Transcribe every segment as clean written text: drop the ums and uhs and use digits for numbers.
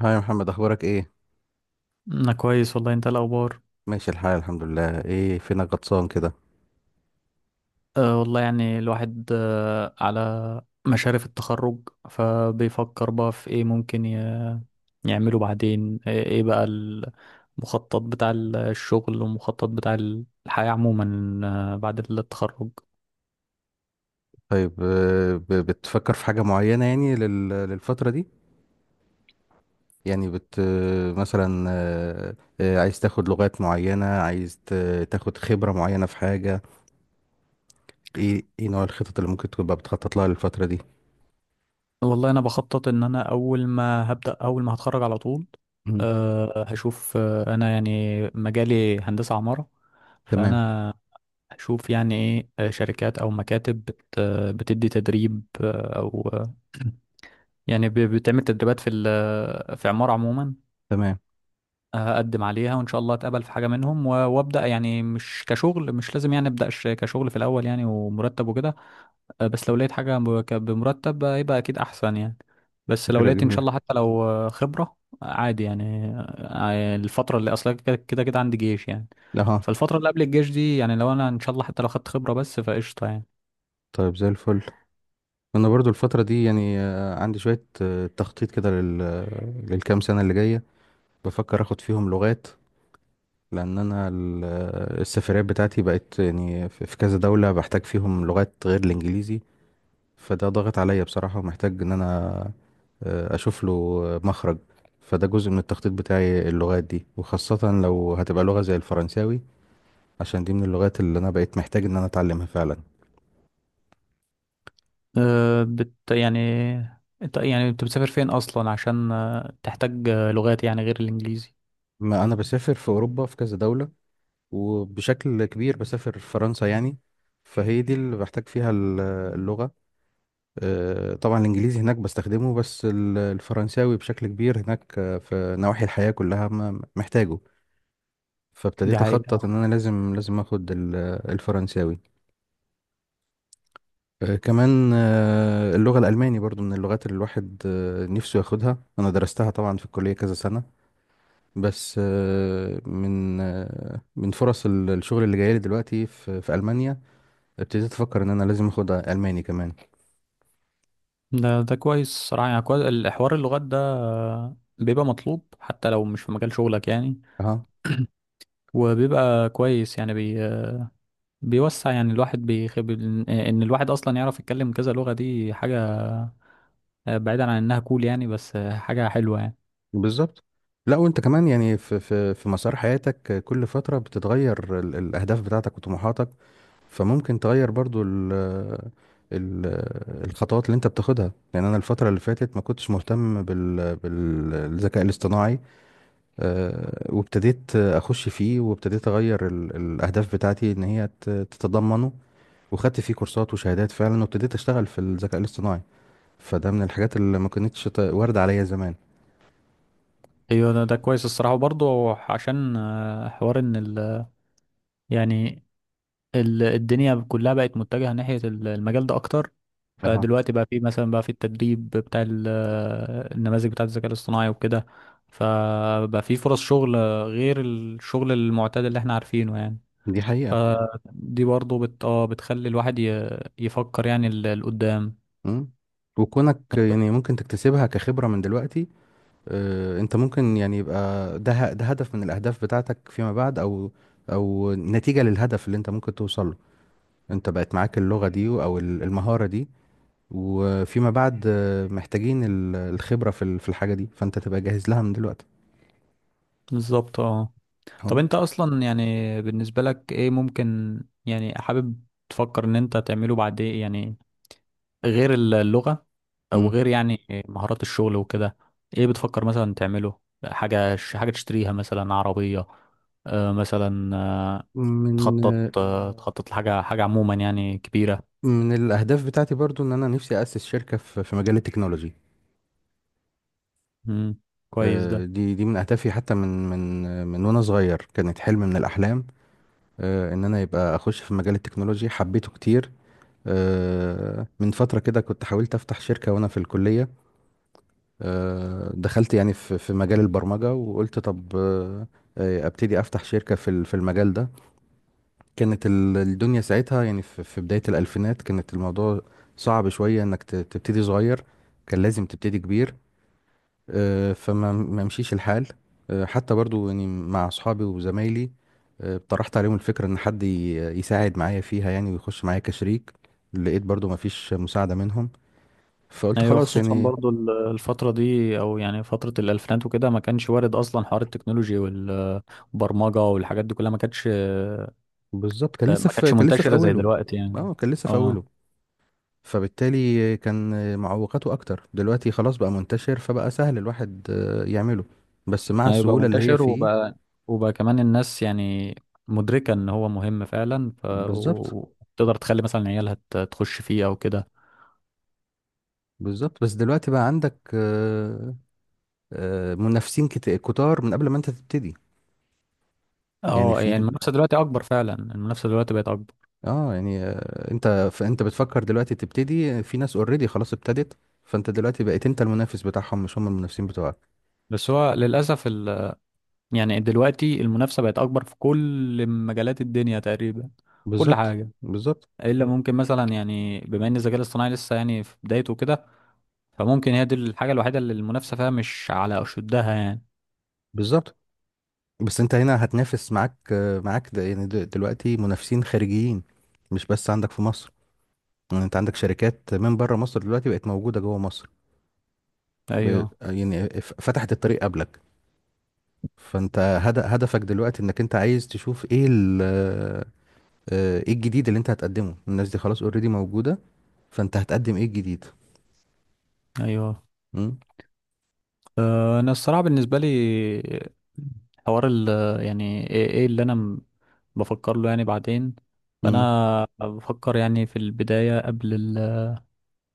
هاي يا محمد، اخبارك ايه؟ انا كويس والله، انت إيه الاخبار؟ ماشي الحال، الحمد لله. ايه فينك غطسان كده؟ والله، يعني الواحد على مشارف التخرج، فبيفكر بقى في ايه ممكن يعمله بعدين. إيه بقى المخطط بتاع الشغل، والمخطط بتاع الحياة عموما بعد التخرج. طيب، بتفكر في حاجة معينة يعني للفترة دي؟ يعني بت آه، مثلا، عايز تاخد لغات معينة، عايز تاخد خبرة معينة في حاجة؟ ايه نوع الخطط اللي ممكن تبقى بتخطط لها للفترة دي؟ والله انا بخطط ان انا اول ما هتخرج على طول مم. هشوف. انا يعني مجالي هندسة عمارة، تمام. فانا اشوف يعني ايه، شركات او مكاتب بتدي تدريب او يعني بتعمل تدريبات في عمارة عموما. تمام. اقدم عليها، وان شاء الله اتقبل في حاجة منهم، وابدا، يعني مش كشغل، مش لازم يعني ابدا كشغل في الاول يعني، ومرتب وكده. بس لو لقيت حاجة بمرتب يبقى اكيد احسن يعني. بس لو فكرة لقيت ان شاء جميلة. الله، حتى لو خبرة عادي يعني، الفترة اللي اصلا كده كده كده عندي جيش يعني. اها. فالفترة اللي قبل الجيش دي، يعني لو انا ان شاء الله حتى لو خدت خبرة بس، فقشطة يعني. طيب، زي الفل. انا برضو الفترة دي يعني عندي شوية تخطيط كده لل للكام سنة اللي جاية. بفكر اخد فيهم لغات، لان انا السفريات بتاعتي بقت يعني في كذا دولة بحتاج فيهم لغات غير الانجليزي. فده ضاغط عليا بصراحة، ومحتاج ان انا اشوف له مخرج. فده جزء من التخطيط بتاعي، اللغات دي، وخاصة لو هتبقى لغة زي الفرنساوي، عشان دي من اللغات اللي انا بقيت محتاج ان انا اتعلمها فعلا. آه، بت يعني انت يعني بتسافر فين اصلا عشان تحتاج لغات يعني غير الانجليزي؟ ما انا بسافر في اوروبا في كذا دولة، وبشكل كبير بسافر فرنسا يعني. فهي دي اللي بحتاج فيها اللغة. طبعا الانجليزي هناك بستخدمه، بس الفرنساوي بشكل كبير هناك، في نواحي الحياة كلها محتاجه. دي فابتديت حقيقة. اخطط ان انا لازم لازم اخد الفرنساوي. كمان اللغة الالماني برضو من اللغات اللي الواحد نفسه ياخدها. انا درستها طبعا في الكلية كذا سنة، بس من فرص الشغل اللي جايلي دلوقتي في في المانيا، ابتديت افكر ان انا لازم اخد الماني كمان. ده كويس صراحة، يعني كويس الحوار اللغات ده، بيبقى مطلوب حتى لو مش في مجال شغلك يعني. أها. وبيبقى كويس يعني بيوسع يعني الواحد، بيخب ان الواحد اصلا يعرف يتكلم كذا لغة، دي حاجة بعيدا عن انها كول يعني، بس حاجة حلوة يعني. بالظبط. لا، وانت كمان يعني في في مسار حياتك كل فتره بتتغير الاهداف بتاعتك وطموحاتك، فممكن تغير برضو ال ال الخطوات اللي انت بتاخدها. يعني انا الفتره اللي فاتت ما كنتش مهتم بالذكاء الاصطناعي، وابتديت اخش فيه، وابتديت اغير الاهداف بتاعتي ان هي تتضمنه، وخدت فيه كورسات وشهادات فعلا، وابتديت اشتغل في الذكاء الاصطناعي. فده من الحاجات اللي ما كانتش وارده عليا زمان. ايوه، ده كويس الصراحة برضه، عشان حوار ان ال، يعني الدنيا كلها بقت متجهة ناحية المجال ده أكتر، اها. فدلوقتي بقى في مثلا، بقى في التدريب بتاع النماذج بتاعة الذكاء الاصطناعي وكده، فبقى في فرص شغل غير الشغل المعتاد اللي احنا عارفينه يعني. دي حقيقه. فدي برضه بت... آه بتخلي الواحد يفكر يعني لقدام. مم. وكونك يعني ممكن تكتسبها كخبرة من دلوقتي، انت ممكن يعني يبقى ده هدف من الاهداف بتاعتك فيما بعد، او او نتيجة للهدف اللي انت ممكن توصل له، انت بقت معاك اللغة دي او المهارة دي، وفيما بعد محتاجين الخبرة في في الحاجة دي، فانت تبقى جاهز لها من دلوقتي. بالظبط، اه. طب اه. انت اصلا يعني بالنسبة لك ايه ممكن، يعني حابب تفكر ان انت تعمله بعد ايه يعني، غير اللغة او مم. غير يعني مهارات الشغل وكده؟ ايه بتفكر مثلا تعمله؟ حاجة تشتريها مثلا، عربية مثلا، من تخطط لحاجة عموما يعني كبيرة. الاهداف بتاعتي برضو ان انا نفسي اسس شركة في مجال التكنولوجي. مم. كويس ده. دي من اهدافي، حتى من من آه، من وانا صغير كانت حلم من الاحلام، ان انا يبقى اخش في مجال التكنولوجيا. حبيته كتير. من فترة كده كنت حاولت افتح شركة وانا في الكلية. دخلت يعني في مجال البرمجة وقلت طب، ابتدي افتح شركة في في المجال ده. كانت الدنيا ساعتها يعني في بداية الالفينات كانت الموضوع صعب شوية انك تبتدي صغير، كان لازم تبتدي كبير. آه، فما ما مشيش الحال. حتى برضو يعني مع اصحابي وزمايلي طرحت عليهم الفكرة ان حد يساعد معايا فيها يعني، ويخش معايا كشريك، لقيت برضو ما فيش مساعدة منهم، فقلت ايوه، خلاص خصوصا يعني. برضو الفترة دي، او يعني فترة الالفينات وكده، ما كانش وارد اصلا حوار التكنولوجي والبرمجة والحاجات دي كلها، بالظبط. ما كانتش كان لسه في منتشرة زي اوله. دلوقتي يعني. اه، كان لسه في اه، اوله. فبالتالي كان معوقاته اكتر. دلوقتي خلاص بقى منتشر، فبقى سهل الواحد يعمله، بس مع هيبقى السهولة اللي هي منتشر فيه، وبقى كمان الناس يعني مدركة ان هو مهم فعلا، ف بالظبط. وتقدر تخلي مثلا عيالها تخش فيه او كده. بالظبط. بس دلوقتي بقى عندك منافسين كتار من قبل ما انت تبتدي. يعني اه، في يعني المنافسة دلوقتي اكبر، فعلا المنافسة دلوقتي بقت اكبر. اه يعني آه، انت فانت بتفكر دلوقتي تبتدي، في ناس اوريدي خلاص ابتدت، فانت دلوقتي بقيت انت المنافس بتاعهم، مش هم المنافسين بتوعك. بس هو للأسف يعني دلوقتي المنافسة بقت اكبر في كل مجالات الدنيا تقريبا، في كل بالظبط. حاجة. بالظبط. الا ممكن مثلا، يعني بما ان الذكاء الاصطناعي لسه يعني في بدايته كده، فممكن هي دي الحاجة الوحيدة اللي المنافسة فيها مش على اشدها يعني. بالظبط. بس انت هنا هتنافس معاك ده، يعني دلوقتي منافسين خارجيين، مش بس عندك في مصر. يعني انت عندك شركات من بره مصر دلوقتي بقت موجودة جوه مصر، ايوه، فتحت الطريق قبلك. فانت هدفك دلوقتي انك انت عايز تشوف ايه ال... آه، ايه الجديد اللي انت هتقدمه. الناس دي خلاص اوريدي موجودة، فانت هتقدم ايه الجديد؟ ايوه. امم. انا الصراحه بالنسبه لي حوار ال، يعني ايه اللي انا بفكر له يعني بعدين. امم. فانا بفكر يعني في البدايه قبل ال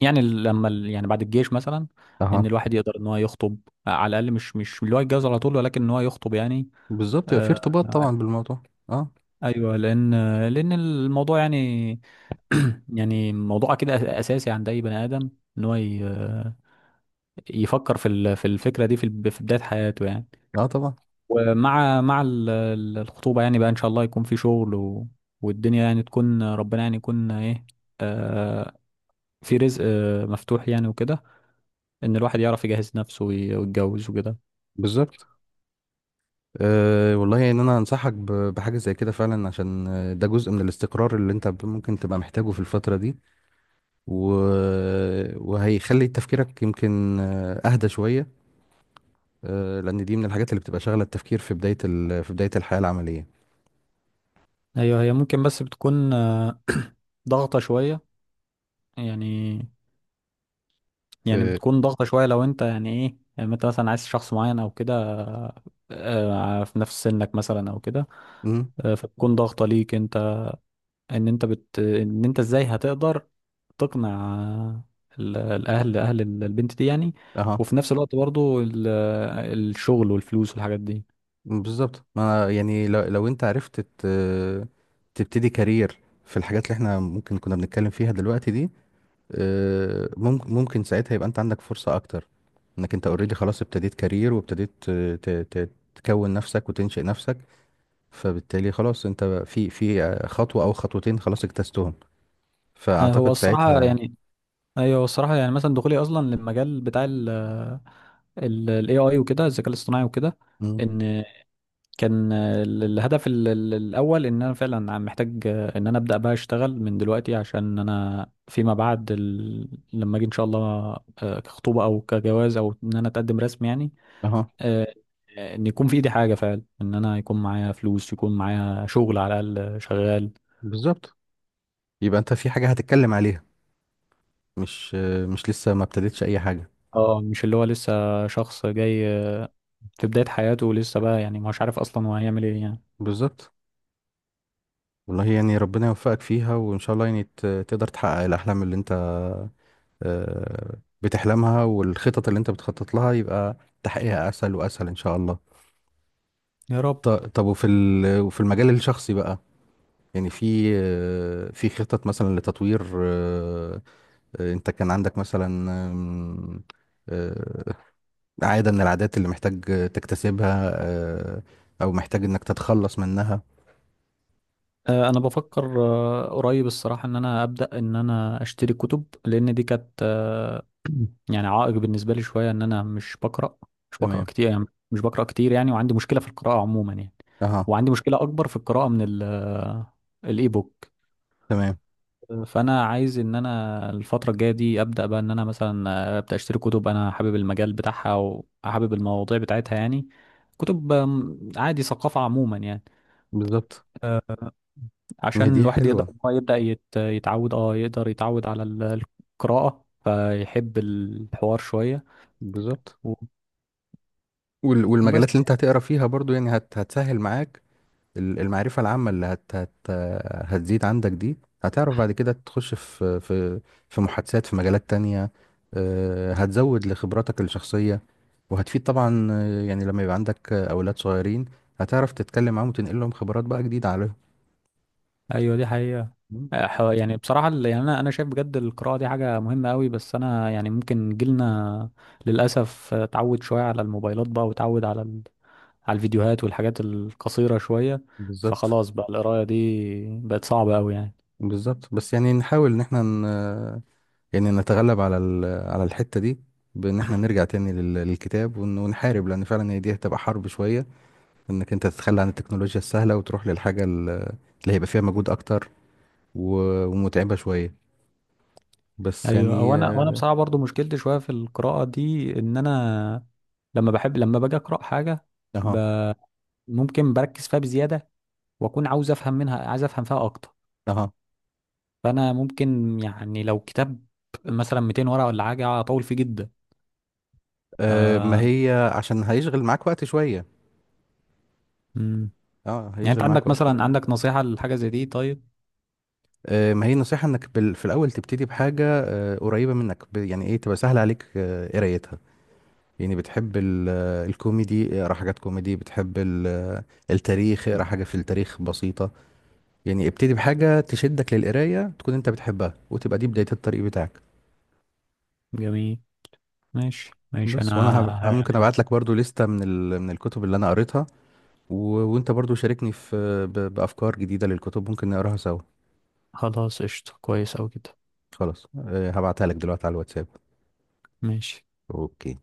يعني ال- لما ال يعني بعد الجيش مثلا، ان اها. الواحد يقدر ان هو يخطب، على الاقل مش اللي هو يتجوز على طول، ولكن ان هو يخطب يعني. بالظبط، يبقى في ارتباط آه، طبعا بالموضوع. اه. ايوه لان الموضوع يعني يعني موضوع كده اساسي عند اي بني ادم، ان هو يفكر في الفكره دي في بدايه حياته يعني. اه طبعا. ومع الخطوبة، يعني بقى إن شاء الله يكون في شغل والدنيا يعني تكون، ربنا يعني يكون إيه، آه في رزق مفتوح يعني وكده، إن الواحد يعرف يجهز نفسه ويتجوز وكده. بالظبط. أه والله، ان انا انصحك بحاجه زي كده فعلا، عشان ده جزء من الاستقرار اللي انت ممكن تبقى محتاجه في الفتره دي، و... وهيخلي تفكيرك يمكن اهدى شويه. أه، لان دي من الحاجات اللي بتبقى شاغله التفكير في بدايه الحياه العمليه. أيوه، هي ممكن، بس بتكون ضغطة شوية يعني. أه. بتكون ضغطة شوية لو أنت يعني إيه، يعني أنت مثلا عايز شخص معين أو كده، في نفس سنك مثلا أو كده، مم. فبتكون ضغطة ليك أنت، ان انت ازاي هتقدر تقنع الاهل، اهل البنت دي يعني، اها. وفي نفس الوقت برضو الشغل والفلوس والحاجات دي. بالظبط. ما أنا يعني لو انت عرفت تبتدي كارير في الحاجات اللي احنا ممكن كنا بنتكلم فيها دلوقتي دي، ممكن ساعتها يبقى انت عندك فرصة اكتر، انك انت اوريدي خلاص ابتديت كارير، وابتديت ت- ت- تكون نفسك وتنشئ نفسك، فبالتالي خلاص انت في خطوة او خطوتين خلاص اجتزتهم، آه، هو فاعتقد الصراحة ساعتها. يعني ايوه، هو الصراحة يعني مثلا دخولي اصلا للمجال بتاع ال AI وكده، الذكاء الاصطناعي وكده، مم. ان كان الهدف الاول ان انا فعلا عم محتاج ان انا ابدا بقى اشتغل من دلوقتي، عشان انا فيما بعد لما اجي ان شاء الله كخطوبه او كجواز او ان انا اتقدم رسمي يعني. اها. آه، ان يكون في ايدي حاجه فعلا، ان انا يكون معايا فلوس، يكون معايا شغل على الاقل شغال. بالظبط، يبقى انت في حاجة هتتكلم عليها، مش مش لسه ما ابتديتش اي حاجة. اه، مش اللي هو لسه شخص جاي في بدايه حياته، ولسه بقى يعني مش عارف اصلا هو هيعمل ايه يعني. بالظبط. والله يعني ربنا يوفقك فيها، وإن شاء الله يعني تقدر تحقق الأحلام اللي أنت بتحلمها، والخطط اللي أنت بتخطط لها يبقى تحقيقها أسهل وأسهل إن شاء الله. يا رب. طب، وفي المجال الشخصي بقى، يعني في في خطط مثلا لتطوير أنت كان عندك مثلا آم، آه، عادة من العادات اللي محتاج تكتسبها، آه، أو محتاج إنك تتخلص منها؟ انا بفكر قريب الصراحه، ان انا ابدا ان انا اشتري كتب، لان دي كانت يعني عائق بالنسبه لي شويه، ان انا مش بقرا تمام. كتير يعني. مش بقرا كتير يعني، وعندي مشكله في القراءه عموما يعني، أها. وعندي مشكله اكبر في القراءه من الاي بوك. تمام. فانا عايز ان انا الفتره الجايه دي ابدا بقى ان انا مثلا اشتري كتب، انا حابب المجال بتاعها، او حابب المواضيع بتاعتها يعني. كتب عادي، ثقافه عموما يعني، بالظبط. ما هي عشان دي الواحد يقدر حلوة. إن هو يبدا يت- يتعود اه يقدر يتعود على القراءه، فيحب الحوار شويه. بالظبط. و- وبس والمجالات اللي انت يعني. هتقرا فيها برضو يعني هتسهل معاك. المعرفة العامة اللي هت هت هتزيد عندك دي، هتعرف بعد كده تخش في في محادثات في مجالات تانية. هتزود لخبراتك الشخصية، وهتفيد طبعا. يعني لما يبقى عندك أولاد صغيرين، هتعرف تتكلم معاهم وتنقل لهم خبرات بقى جديدة عليهم. ايوه، دي حقيقه. مم. يعني بصراحه يعني انا شايف بجد القراءه دي حاجه مهمه قوي، بس انا يعني ممكن جيلنا للاسف اتعود شويه على الموبايلات بقى، وتعود على الفيديوهات والحاجات القصيرة شوية، بالظبط. فخلاص بقى القراية دي بقت صعبة أوي يعني. بالظبط. بس يعني نحاول ان احنا يعني نتغلب على على الحتة دي، بان احنا نرجع تاني للكتاب، ونحارب، لان فعلا هي دي هتبقى حرب شوية، انك انت تتخلى عن التكنولوجيا السهلة، وتروح للحاجة اللي هيبقى فيها مجهود اكتر، و- ومتعبة شوية، بس أيوة، يعني هو أنا، وأنا بصراحة برضو مشكلتي شوية في القراءة دي، إن أنا لما باجي أقرأ حاجة ب... اها. ممكن بركز فيها بزيادة، وأكون عاوز أفهم منها عايز أفهم فيها أكتر، اها. فأنا ممكن يعني لو كتاب مثلا 200 ورقة، ولا حاجة أطول فيه جدا ف... ما هي عشان هيشغل معاك وقت شوية. مم. اه، يعني أنت هيشغل معاك عندك وقت مثلا، شوية. نصيحة لحاجة زي دي طيب؟ ما هي النصيحة انك في الاول تبتدي بحاجة قريبة منك، يعني ايه تبقى سهل عليك قرايتها. يعني بتحب الكوميدي، اقرا حاجات كوميدي. بتحب التاريخ، اقرا حاجة في التاريخ بسيطة. يعني ابتدي بحاجة تشدك للقراية، تكون انت بتحبها، وتبقى دي بداية الطريق بتاعك. جميل، ماشي ماشي، أنا ممكن ه- ابعت لك برضو لستة من الكتب اللي انا قريتها، و... وانت برضو شاركني بافكار جديدة للكتب ممكن نقراها سوا. خلاص قشطة، كويس أوي كده. خلاص، أه، هبعتها لك دلوقتي على الواتساب. ماشي. اوكي.